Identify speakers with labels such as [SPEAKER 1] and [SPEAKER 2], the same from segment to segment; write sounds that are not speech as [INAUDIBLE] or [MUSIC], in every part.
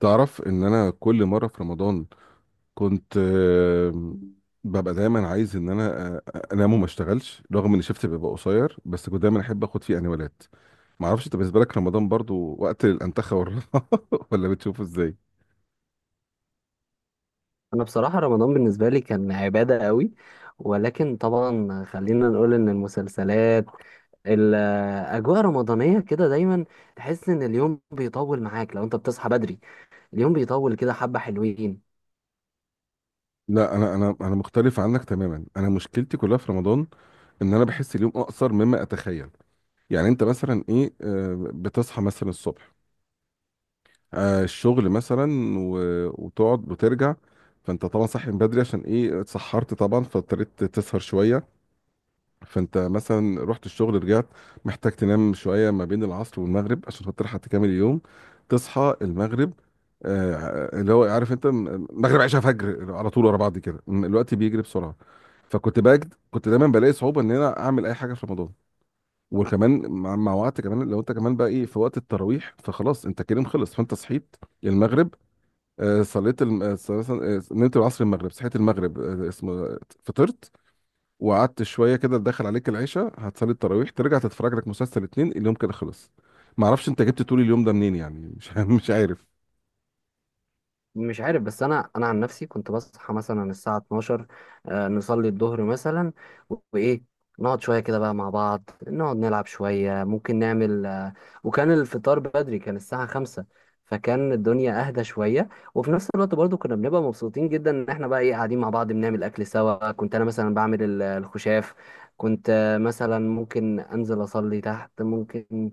[SPEAKER 1] تعرف ان انا كل مره في رمضان كنت ببقى دايما عايز ان انا انام وما اشتغلش، رغم ان شفتي بيبقى قصير، بس كنت دايما احب اخد فيه انوالات. ما اعرفش انت، بالنسبه لك رمضان برضو وقت الانتخه والراحه [LAUGHS] ولا بتشوفه ازاي؟
[SPEAKER 2] انا بصراحة رمضان بالنسبة لي كان عبادة قوي، ولكن طبعا خلينا نقول ان المسلسلات الاجواء رمضانية كده دايما تحس ان اليوم بيطول معاك لو انت بتصحى بدري، اليوم بيطول كده حبة حلوين.
[SPEAKER 1] لا، انا مختلف عنك تماما. انا مشكلتي كلها في رمضان، ان انا بحس اليوم اقصر مما اتخيل. يعني انت مثلا ايه، بتصحى مثلا الصبح، الشغل مثلا، و- وتقعد وترجع. فانت طبعا صاحي من بدري عشان ايه؟ اتسحرت طبعا، فاضطريت تسهر شويه. فانت مثلا رحت الشغل رجعت، محتاج تنام شويه ما بين العصر والمغرب عشان خاطر حتى تكمل اليوم، تصحى المغرب. اللي هو عارف انت، مغرب عشاء فجر على طول ورا بعض كده، الوقت بيجري بسرعه. فكنت بجد كنت دايما بلاقي صعوبه ان انا اعمل اي حاجه في رمضان. وكمان مع وقت، كمان لو انت كمان بقى ايه، في وقت التراويح فخلاص، انت كريم خلص. فانت صحيت المغرب، صليت نمت العصر المغرب، صحيت المغرب اسمه فطرت، وقعدت شويه كده دخل عليك العشاء، هتصلي التراويح ترجع تتفرج لك مسلسل اتنين، اليوم كده خلص. ما اعرفش انت جبت طول اليوم ده منين، يعني مش [LAUGHS] مش عارف.
[SPEAKER 2] مش عارف، بس انا عن نفسي كنت بصحى مثلا الساعه 12، نصلي الظهر مثلا، وايه نقعد شويه كده بقى مع بعض، نقعد نلعب شويه، ممكن نعمل وكان الفطار بدري، كان الساعه 5، فكان الدنيا اهدى شويه. وفي نفس الوقت برضو كنا بنبقى مبسوطين جدا ان احنا بقى ايه قاعدين مع بعض بنعمل اكل سوا. كنت انا مثلا بعمل الخشاف. كنت مثلا ممكن انزل اصلي تحت. ممكن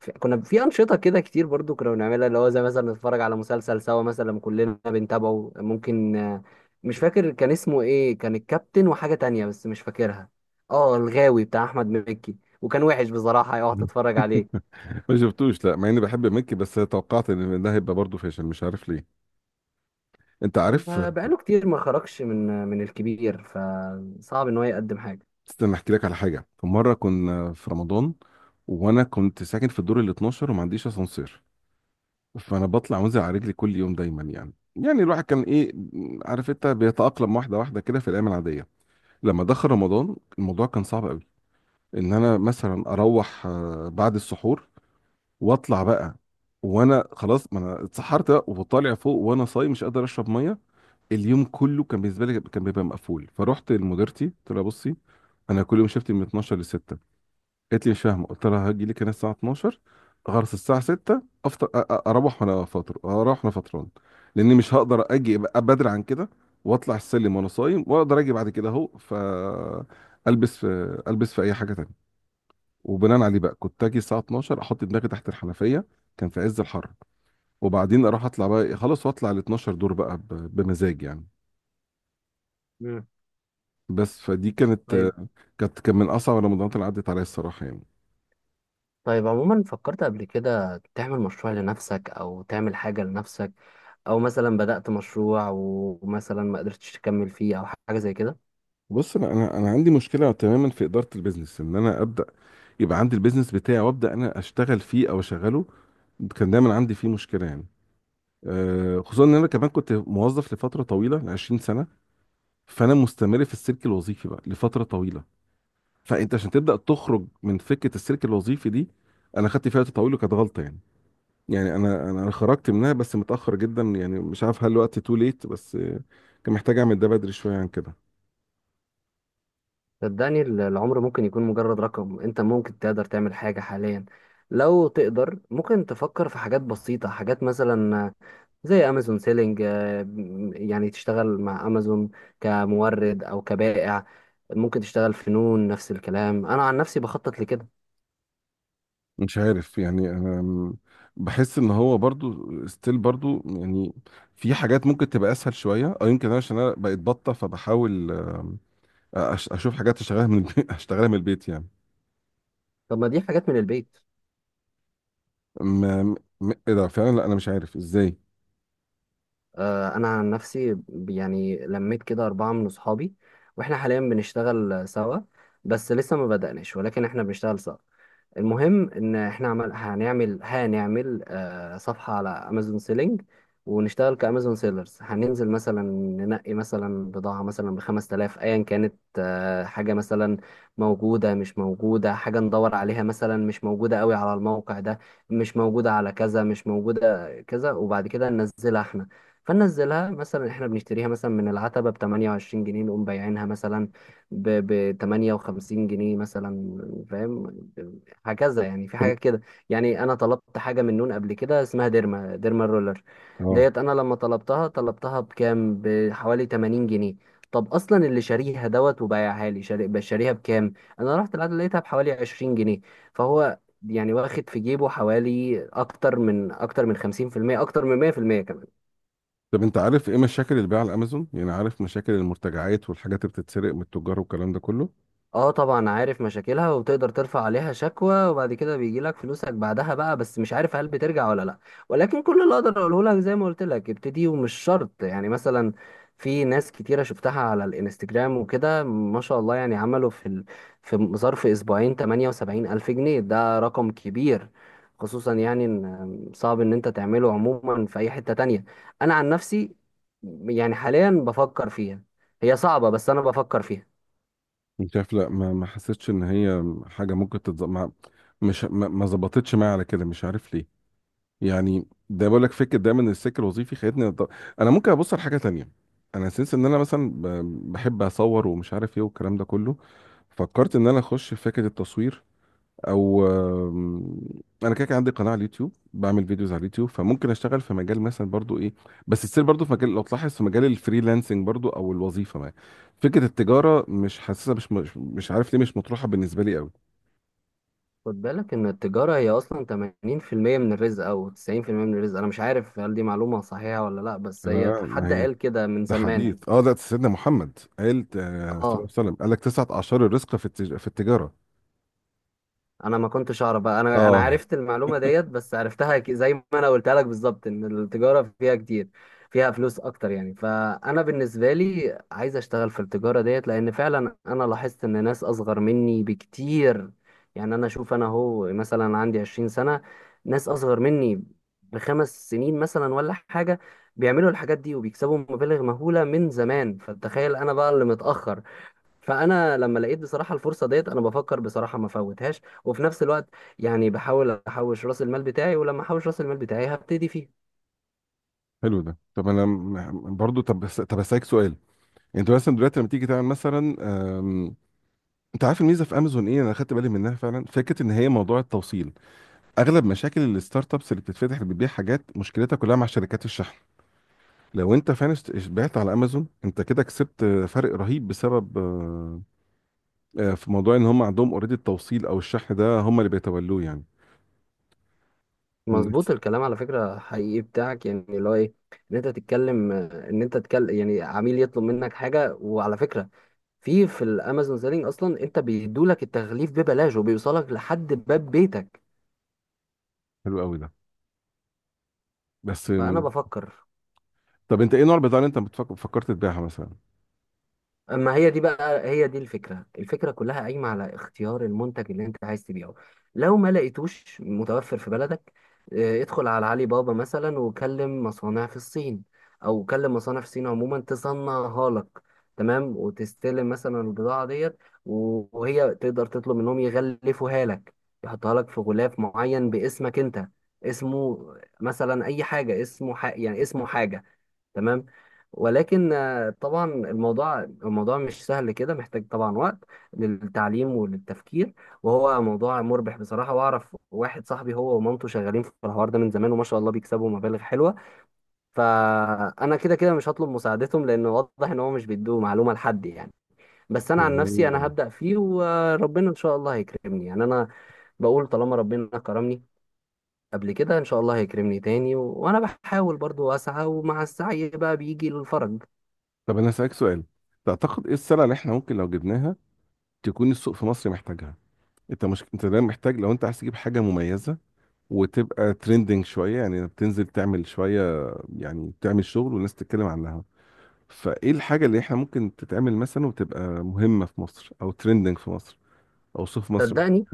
[SPEAKER 2] كنا في انشطه كده كتير برضو كنا بنعملها، اللي هو زي مثلا نتفرج على مسلسل سوا مثلا لما كلنا بنتابعه. ممكن مش فاكر كان اسمه ايه، كان الكابتن وحاجه تانية بس مش فاكرها. اه الغاوي بتاع احمد مكي، وكان وحش بصراحه اقعد اتفرج عليه.
[SPEAKER 1] ما شفتوش، لا مع اني بحب مكي بس توقعت ان ده هيبقى برضه فاشل، مش عارف ليه. انت عارف،
[SPEAKER 2] بقاله كتير ما خرجش من الكبير، فصعب ان هو يقدم حاجه.
[SPEAKER 1] استنى احكي لك على حاجه. في مره كنا في رمضان وانا كنت ساكن في الدور ال 12 وما عنديش اسانسير، فانا بطلع وانزل على رجلي كل يوم دايما، يعني الواحد كان ايه، عارف انت بيتأقلم واحده واحده كده في الايام العاديه. لما دخل رمضان الموضوع كان صعب قوي، ان انا مثلا اروح بعد السحور واطلع بقى، وانا خلاص ما انا اتسحرت بقى، وطالع فوق وانا صايم، مش قادر اشرب ميه. اليوم كله كان بالنسبه لي كان بيبقى مقفول. فرحت لمديرتي قلت لها بصي، انا كل يوم شفتي من 12 ل 6. قالت لي مش فاهمه. قلت لها هاجي لك هنا الساعه 12، غرس الساعه 6 افطر، اروح وانا فاطر، اروح وانا فطران، لاني مش هقدر اجي أبقى بدري عن كده، واطلع السلم وانا صايم، واقدر اجي بعد كده اهو، ف البس في اي حاجه تانية. وبناء عليه بقى كنت اجي الساعه 12 احط دماغي تحت الحنفيه، كان في عز الحر، وبعدين اروح اطلع بقى خلاص، واطلع ال 12 دور بقى، بمزاج يعني.
[SPEAKER 2] مم.
[SPEAKER 1] بس فدي
[SPEAKER 2] طيب.
[SPEAKER 1] كانت، كان من اصعب رمضانات اللي عدت عليا الصراحه يعني.
[SPEAKER 2] طيب، عموما فكرت قبل كده تعمل مشروع لنفسك او تعمل حاجه لنفسك، او مثلا بدأت مشروع ومثلا ما قدرتش تكمل فيه او حاجه زي كده؟
[SPEAKER 1] بص، انا عندي مشكله تماما في اداره البيزنس، ان انا ابدا، يبقى عندي البيزنس بتاعي وابدا انا اشتغل فيه او اشغله، كان دايما عندي فيه مشكله يعني. خصوصا ان انا كمان كنت موظف لفتره طويله، ل 20 سنه، فانا مستمر في السلك الوظيفي بقى لفتره طويله. فانت عشان تبدا تخرج من فكره السلك الوظيفي دي، انا خدت فيها وقت طويل وكانت غلطه يعني. يعني انا انا أنا خرجت منها بس متاخر جدا، يعني مش عارف هل الوقت تو ليت، بس كان محتاج اعمل ده بدري شويه عن كده.
[SPEAKER 2] صدقني العمر ممكن يكون مجرد رقم. انت ممكن تقدر تعمل حاجة حاليا لو تقدر. ممكن تفكر في حاجات بسيطة، حاجات مثلا زي امازون سيلينج، يعني تشتغل مع امازون كمورد او كبائع. ممكن تشتغل في نون، نفس الكلام، انا عن نفسي بخطط لكده.
[SPEAKER 1] مش عارف يعني، انا بحس ان هو برضو ستيل برضو يعني، في حاجات ممكن تبقى اسهل شويه، او يمكن انا عشان انا بقيت بطه فبحاول، اشوف حاجات اشتغلها من البيت [LAUGHS] اشتغلها من البيت يعني.
[SPEAKER 2] طب ما دي حاجات من البيت.
[SPEAKER 1] ما م- ايه ده فعلا، لا انا مش عارف ازاي.
[SPEAKER 2] انا عن نفسي يعني لميت كده اربعة من اصحابي واحنا حاليا بنشتغل سوا. بس لسه ما بدأناش، ولكن احنا بنشتغل سوا. المهم ان احنا عمل هنعمل هنعمل صفحة على امازون سيلينج، ونشتغل كامازون سيلرز. هننزل مثلا، ننقي مثلا بضاعة مثلا ب 5000، ايا كانت حاجة مثلا موجودة مش موجودة. حاجة ندور عليها مثلا مش موجودة قوي على الموقع ده، مش موجودة على كذا، مش موجودة كذا. وبعد كده ننزلها احنا. فننزلها مثلا، احنا بنشتريها مثلا من العتبة ب 28 جنيه، نقوم بايعينها مثلا ب 58 جنيه مثلا. فاهم؟ هكذا يعني، في
[SPEAKER 1] طب
[SPEAKER 2] حاجة كده. يعني أنا طلبت حاجة من نون قبل كده اسمها ديرما رولر.
[SPEAKER 1] اه.
[SPEAKER 2] ديت أنا لما طلبتها طلبتها بكام؟ بحوالي 80 جنيه. طب أصلا اللي شاريها دوت وبايعها لي بقى شاريها بكام؟ أنا رحت العدد لقيتها بحوالي 20 جنيه. فهو يعني واخد في جيبه حوالي أكتر من 50%، أكتر من 100% كمان.
[SPEAKER 1] طب انت عارف ايه مشاكل البيع على امازون، يعني عارف مشاكل المرتجعات والحاجات اللي بتتسرق من التجار والكلام ده كله.
[SPEAKER 2] اه طبعا عارف مشاكلها، وبتقدر ترفع عليها شكوى وبعد كده بيجي لك فلوسك بعدها بقى، بس مش عارف هل بترجع ولا لا. ولكن كل اللي اقدر اقوله لك زي ما قلت لك ابتدي، ومش شرط. يعني مثلا في ناس كتيرة شفتها على الانستجرام وكده ما شاء الله، يعني عملوا في ظرف اسبوعين 78 الف جنيه. ده رقم كبير، خصوصا يعني ان صعب ان انت تعمله عموما في اي حتة تانية. انا عن نفسي يعني حاليا بفكر فيها. هي صعبة، بس انا بفكر فيها.
[SPEAKER 1] انت شايف، لا ما ما حسيتش ان هي حاجه ممكن تتظبط، مش ما ما ظبطتش معايا على كده، مش عارف ليه. يعني ده بقول لك فكره دايما، إن السلك الوظيفي خدتني، انا ممكن ابص على حاجه تانية. انا سنس ان انا مثلا بحب اصور ومش عارف ايه والكلام ده كله، فكرت ان انا اخش في فكره التصوير، او انا كده كان عندي قناه على اليوتيوب، بعمل فيديوز على اليوتيوب، فممكن اشتغل في مجال مثلا برضو ايه، بس تصير برضو في مجال، لو تلاحظ في مجال الفريلانسنج برضو او الوظيفه ما. فكره التجاره مش حاسسها، مش عارف ليه مش مطروحه بالنسبه لي قوي.
[SPEAKER 2] خد بالك ان التجارة هي اصلا 80% من الرزق، او 90% من الرزق. انا مش عارف هل دي معلومة صحيحة ولا لا، بس
[SPEAKER 1] لا
[SPEAKER 2] هي
[SPEAKER 1] لا ما
[SPEAKER 2] حد
[SPEAKER 1] هي،
[SPEAKER 2] قال كده من
[SPEAKER 1] ده
[SPEAKER 2] زمان.
[SPEAKER 1] حديث. اه، ده سيدنا محمد قال صلى الله عليه
[SPEAKER 2] اه،
[SPEAKER 1] وسلم، قال لك تسعة أعشار الرزق في في التجارة.
[SPEAKER 2] انا ما كنتش اعرف بقى. انا
[SPEAKER 1] اه،
[SPEAKER 2] عرفت المعلومه ديت، بس عرفتها زي ما انا قلتها لك بالظبط، ان التجاره فيها كتير، فيها فلوس اكتر يعني. فانا بالنسبه لي عايز اشتغل في التجاره ديت، لان فعلا انا لاحظت ان ناس اصغر مني بكتير. يعني انا اشوف انا هو مثلا عندي 20 سنه، ناس اصغر مني ب 5 سنين مثلا ولا حاجه، بيعملوا الحاجات دي وبيكسبوا مبالغ مهوله من زمان. فتخيل انا بقى اللي متاخر. فانا لما لقيت بصراحه الفرصه ديت، انا بفكر بصراحه ما فوتهاش. وفي نفس الوقت يعني بحاول احوش راس المال بتاعي، ولما احوش راس المال بتاعي هبتدي فيه.
[SPEAKER 1] حلو ده. طب انا برضو، طب طب اسالك سؤال. انت مثلا دلوقتي لما تيجي تعمل مثلا، آم، انت عارف الميزه في امازون ايه؟ انا خدت بالي منها فعلا، فكره ان هي موضوع التوصيل. اغلب مشاكل الستارت ابس اللي بتتفتح، اللي بتبيع حاجات، مشكلتها كلها مع شركات الشحن. لو انت فعلا بعت على امازون، انت كده كسبت فرق رهيب، بسبب في موضوع ان هم عندهم اوريدي التوصيل، او الشحن ده هم اللي بيتولوه يعني.
[SPEAKER 2] مظبوط الكلام على فكره، حقيقي بتاعك يعني، اللي هو ايه، ان انت تتكلم يعني عميل يطلب منك حاجه. وعلى فكره في الامازون سيلينج اصلا انت بيدولك التغليف ببلاش، وبيوصلك لحد باب بيتك.
[SPEAKER 1] حلو قوي ده. بس
[SPEAKER 2] فانا بفكر.
[SPEAKER 1] طب انت ايه نوع البضاعه اللي انت بتفكر فكرت تبيعها مثلا؟
[SPEAKER 2] اما هي دي الفكره. الفكره كلها قايمه على اختيار المنتج اللي انت عايز تبيعه. لو ما لقيتوش متوفر في بلدك، ادخل على علي بابا مثلا وكلم مصانع في الصين، او كلم مصانع في الصين عموما تصنعها لك. تمام. وتستلم مثلا البضاعه ديت. وهي تقدر تطلب منهم يغلفوها لك، يحطها لك في غلاف معين باسمك انت. اسمه مثلا اي حاجه، اسمه يعني اسمه حاجه. تمام. ولكن طبعا الموضوع مش سهل كده، محتاج طبعا وقت للتعليم وللتفكير. وهو موضوع مربح بصراحة. واعرف واحد صاحبي هو ومامته شغالين في الحوار ده من زمان، وما شاء الله بيكسبوا مبالغ حلوة. فأنا كده كده مش هطلب مساعدتهم، لأن واضح إن هو مش بيدوا معلومة لحد يعني. بس أنا عن نفسي أنا
[SPEAKER 1] يعني
[SPEAKER 2] هبدأ فيه، وربنا إن شاء الله هيكرمني. يعني أنا بقول طالما ربنا كرمني قبل كده إن شاء الله هيكرمني تاني. و... وأنا بحاول برضو أسعى، ومع السعي بقى بيجي الفرج.
[SPEAKER 1] طب انا هسألك سؤال، تعتقد ايه السلعه اللي احنا ممكن لو جبناها تكون السوق في مصر محتاجها؟ انت مش، انت دايما محتاج، لو انت عايز تجيب حاجه مميزه وتبقى ترندنج شويه، يعني بتنزل تعمل شويه، يعني تعمل شغل والناس تتكلم عنها. فايه الحاجه اللي احنا ممكن تتعمل مثلا وتبقى مهمه في مصر، او ترندنج في مصر، او سوق في مصر محتاجها؟
[SPEAKER 2] صدقني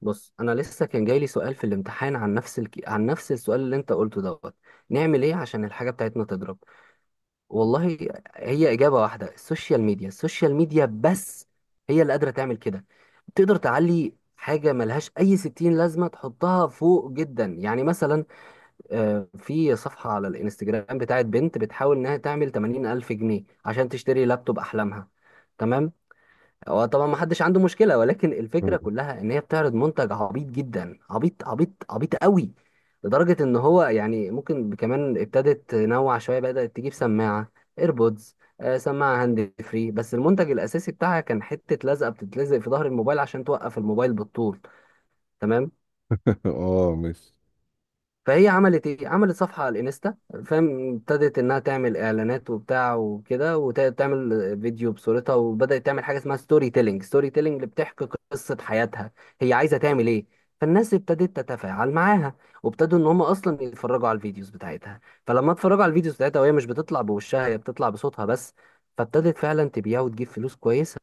[SPEAKER 2] بص، انا لسه كان جاي لي سؤال في الامتحان عن نفس عن نفس السؤال اللي انت قلته دوت، نعمل ايه عشان الحاجه بتاعتنا تضرب؟ والله هي اجابه واحده، السوشيال ميديا، السوشيال ميديا بس هي اللي قادره تعمل كده. تقدر تعلي حاجه ملهاش اي ستين لازمه تحطها فوق جدا. يعني مثلا في صفحه على الانستجرام بتاعت بنت بتحاول انها تعمل 80 الف جنيه عشان تشتري لابتوب احلامها. تمام. هو طبعا ما حدش عنده مشكله، ولكن الفكره كلها ان هي بتعرض منتج عبيط جدا، عبيط عبيط عبيط قوي، لدرجه ان هو يعني ممكن كمان ابتدت تنوع شويه، بدات تجيب سماعه ايربودز، آه سماعه هاند فري. بس المنتج الاساسي بتاعها كان حته لزقه بتتلزق في ظهر الموبايل عشان توقف الموبايل بالطول. تمام.
[SPEAKER 1] [LAUGHS] اه ماشي.
[SPEAKER 2] فهي عملت ايه؟ عملت صفحة على الانستا. فاهم؟ ابتدت انها تعمل اعلانات وبتاع وكده وتعمل فيديو بصورتها، وبدأت تعمل حاجة اسمها ستوري تيلينج، ستوري تيلينج اللي بتحكي قصة حياتها هي عايزة تعمل ايه. فالناس ابتدت تتفاعل معاها، وابتدوا ان هم اصلا يتفرجوا على الفيديوز بتاعتها. فلما اتفرجوا على الفيديوز بتاعتها وهي مش بتطلع بوشها، هي بتطلع بصوتها بس، فابتدت فعلا تبيع وتجيب فلوس كويسة.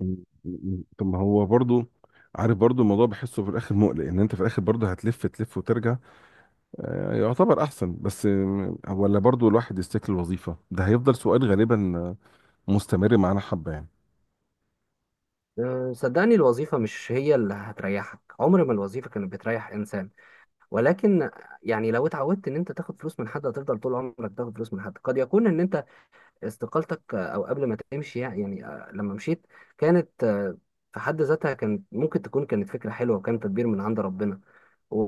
[SPEAKER 1] مم. مم. طب ما هو برضو عارف، برضو الموضوع بحسه في الاخر مقلق، ان انت في الاخر برضو هتلف تلف وترجع، يعتبر احسن، بس ولا برضو الواحد يستكل الوظيفه، ده هيفضل سؤال غالبا مستمر معانا حبه يعني.
[SPEAKER 2] أه، صدقني الوظيفة مش هي اللي هتريحك. عمر ما الوظيفة كانت بتريح انسان. ولكن يعني لو اتعودت ان انت تاخد فلوس من حد، هتفضل طول عمرك تاخد فلوس من حد. قد يكون ان انت استقالتك، او قبل ما تمشي يعني، لما مشيت كانت في حد ذاتها كانت ممكن تكون كانت فكرة حلوة، وكان تدبير من عند ربنا. و...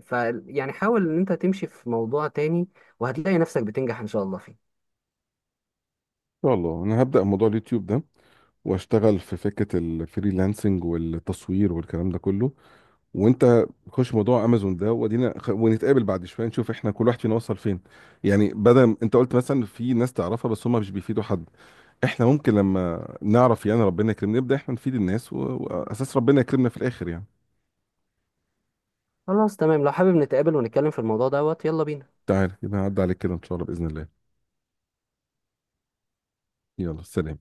[SPEAKER 2] ف يعني حاول ان انت تمشي في موضوع تاني، وهتلاقي نفسك بتنجح ان شاء الله فيه.
[SPEAKER 1] ان شاء الله، انا هبدا موضوع اليوتيوب ده واشتغل في فكره الفريلانسنج والتصوير والكلام ده كله، وانت خش موضوع امازون ده ودينا ونتقابل بعد شويه، نشوف احنا كل واحد فينا وصل فين. يعني بدل، انت قلت مثلا في ناس تعرفها بس هم مش بيفيدوا حد، احنا ممكن لما نعرف يعني ربنا يكرمنا، نبدا احنا نفيد الناس واساس ربنا يكرمنا في الاخر يعني.
[SPEAKER 2] خلاص تمام، لو حابب نتقابل ونتكلم في الموضوع دوت يلا بينا.
[SPEAKER 1] تعال يبقى، هعدي عليك كده ان شاء الله باذن الله. يلا سلام.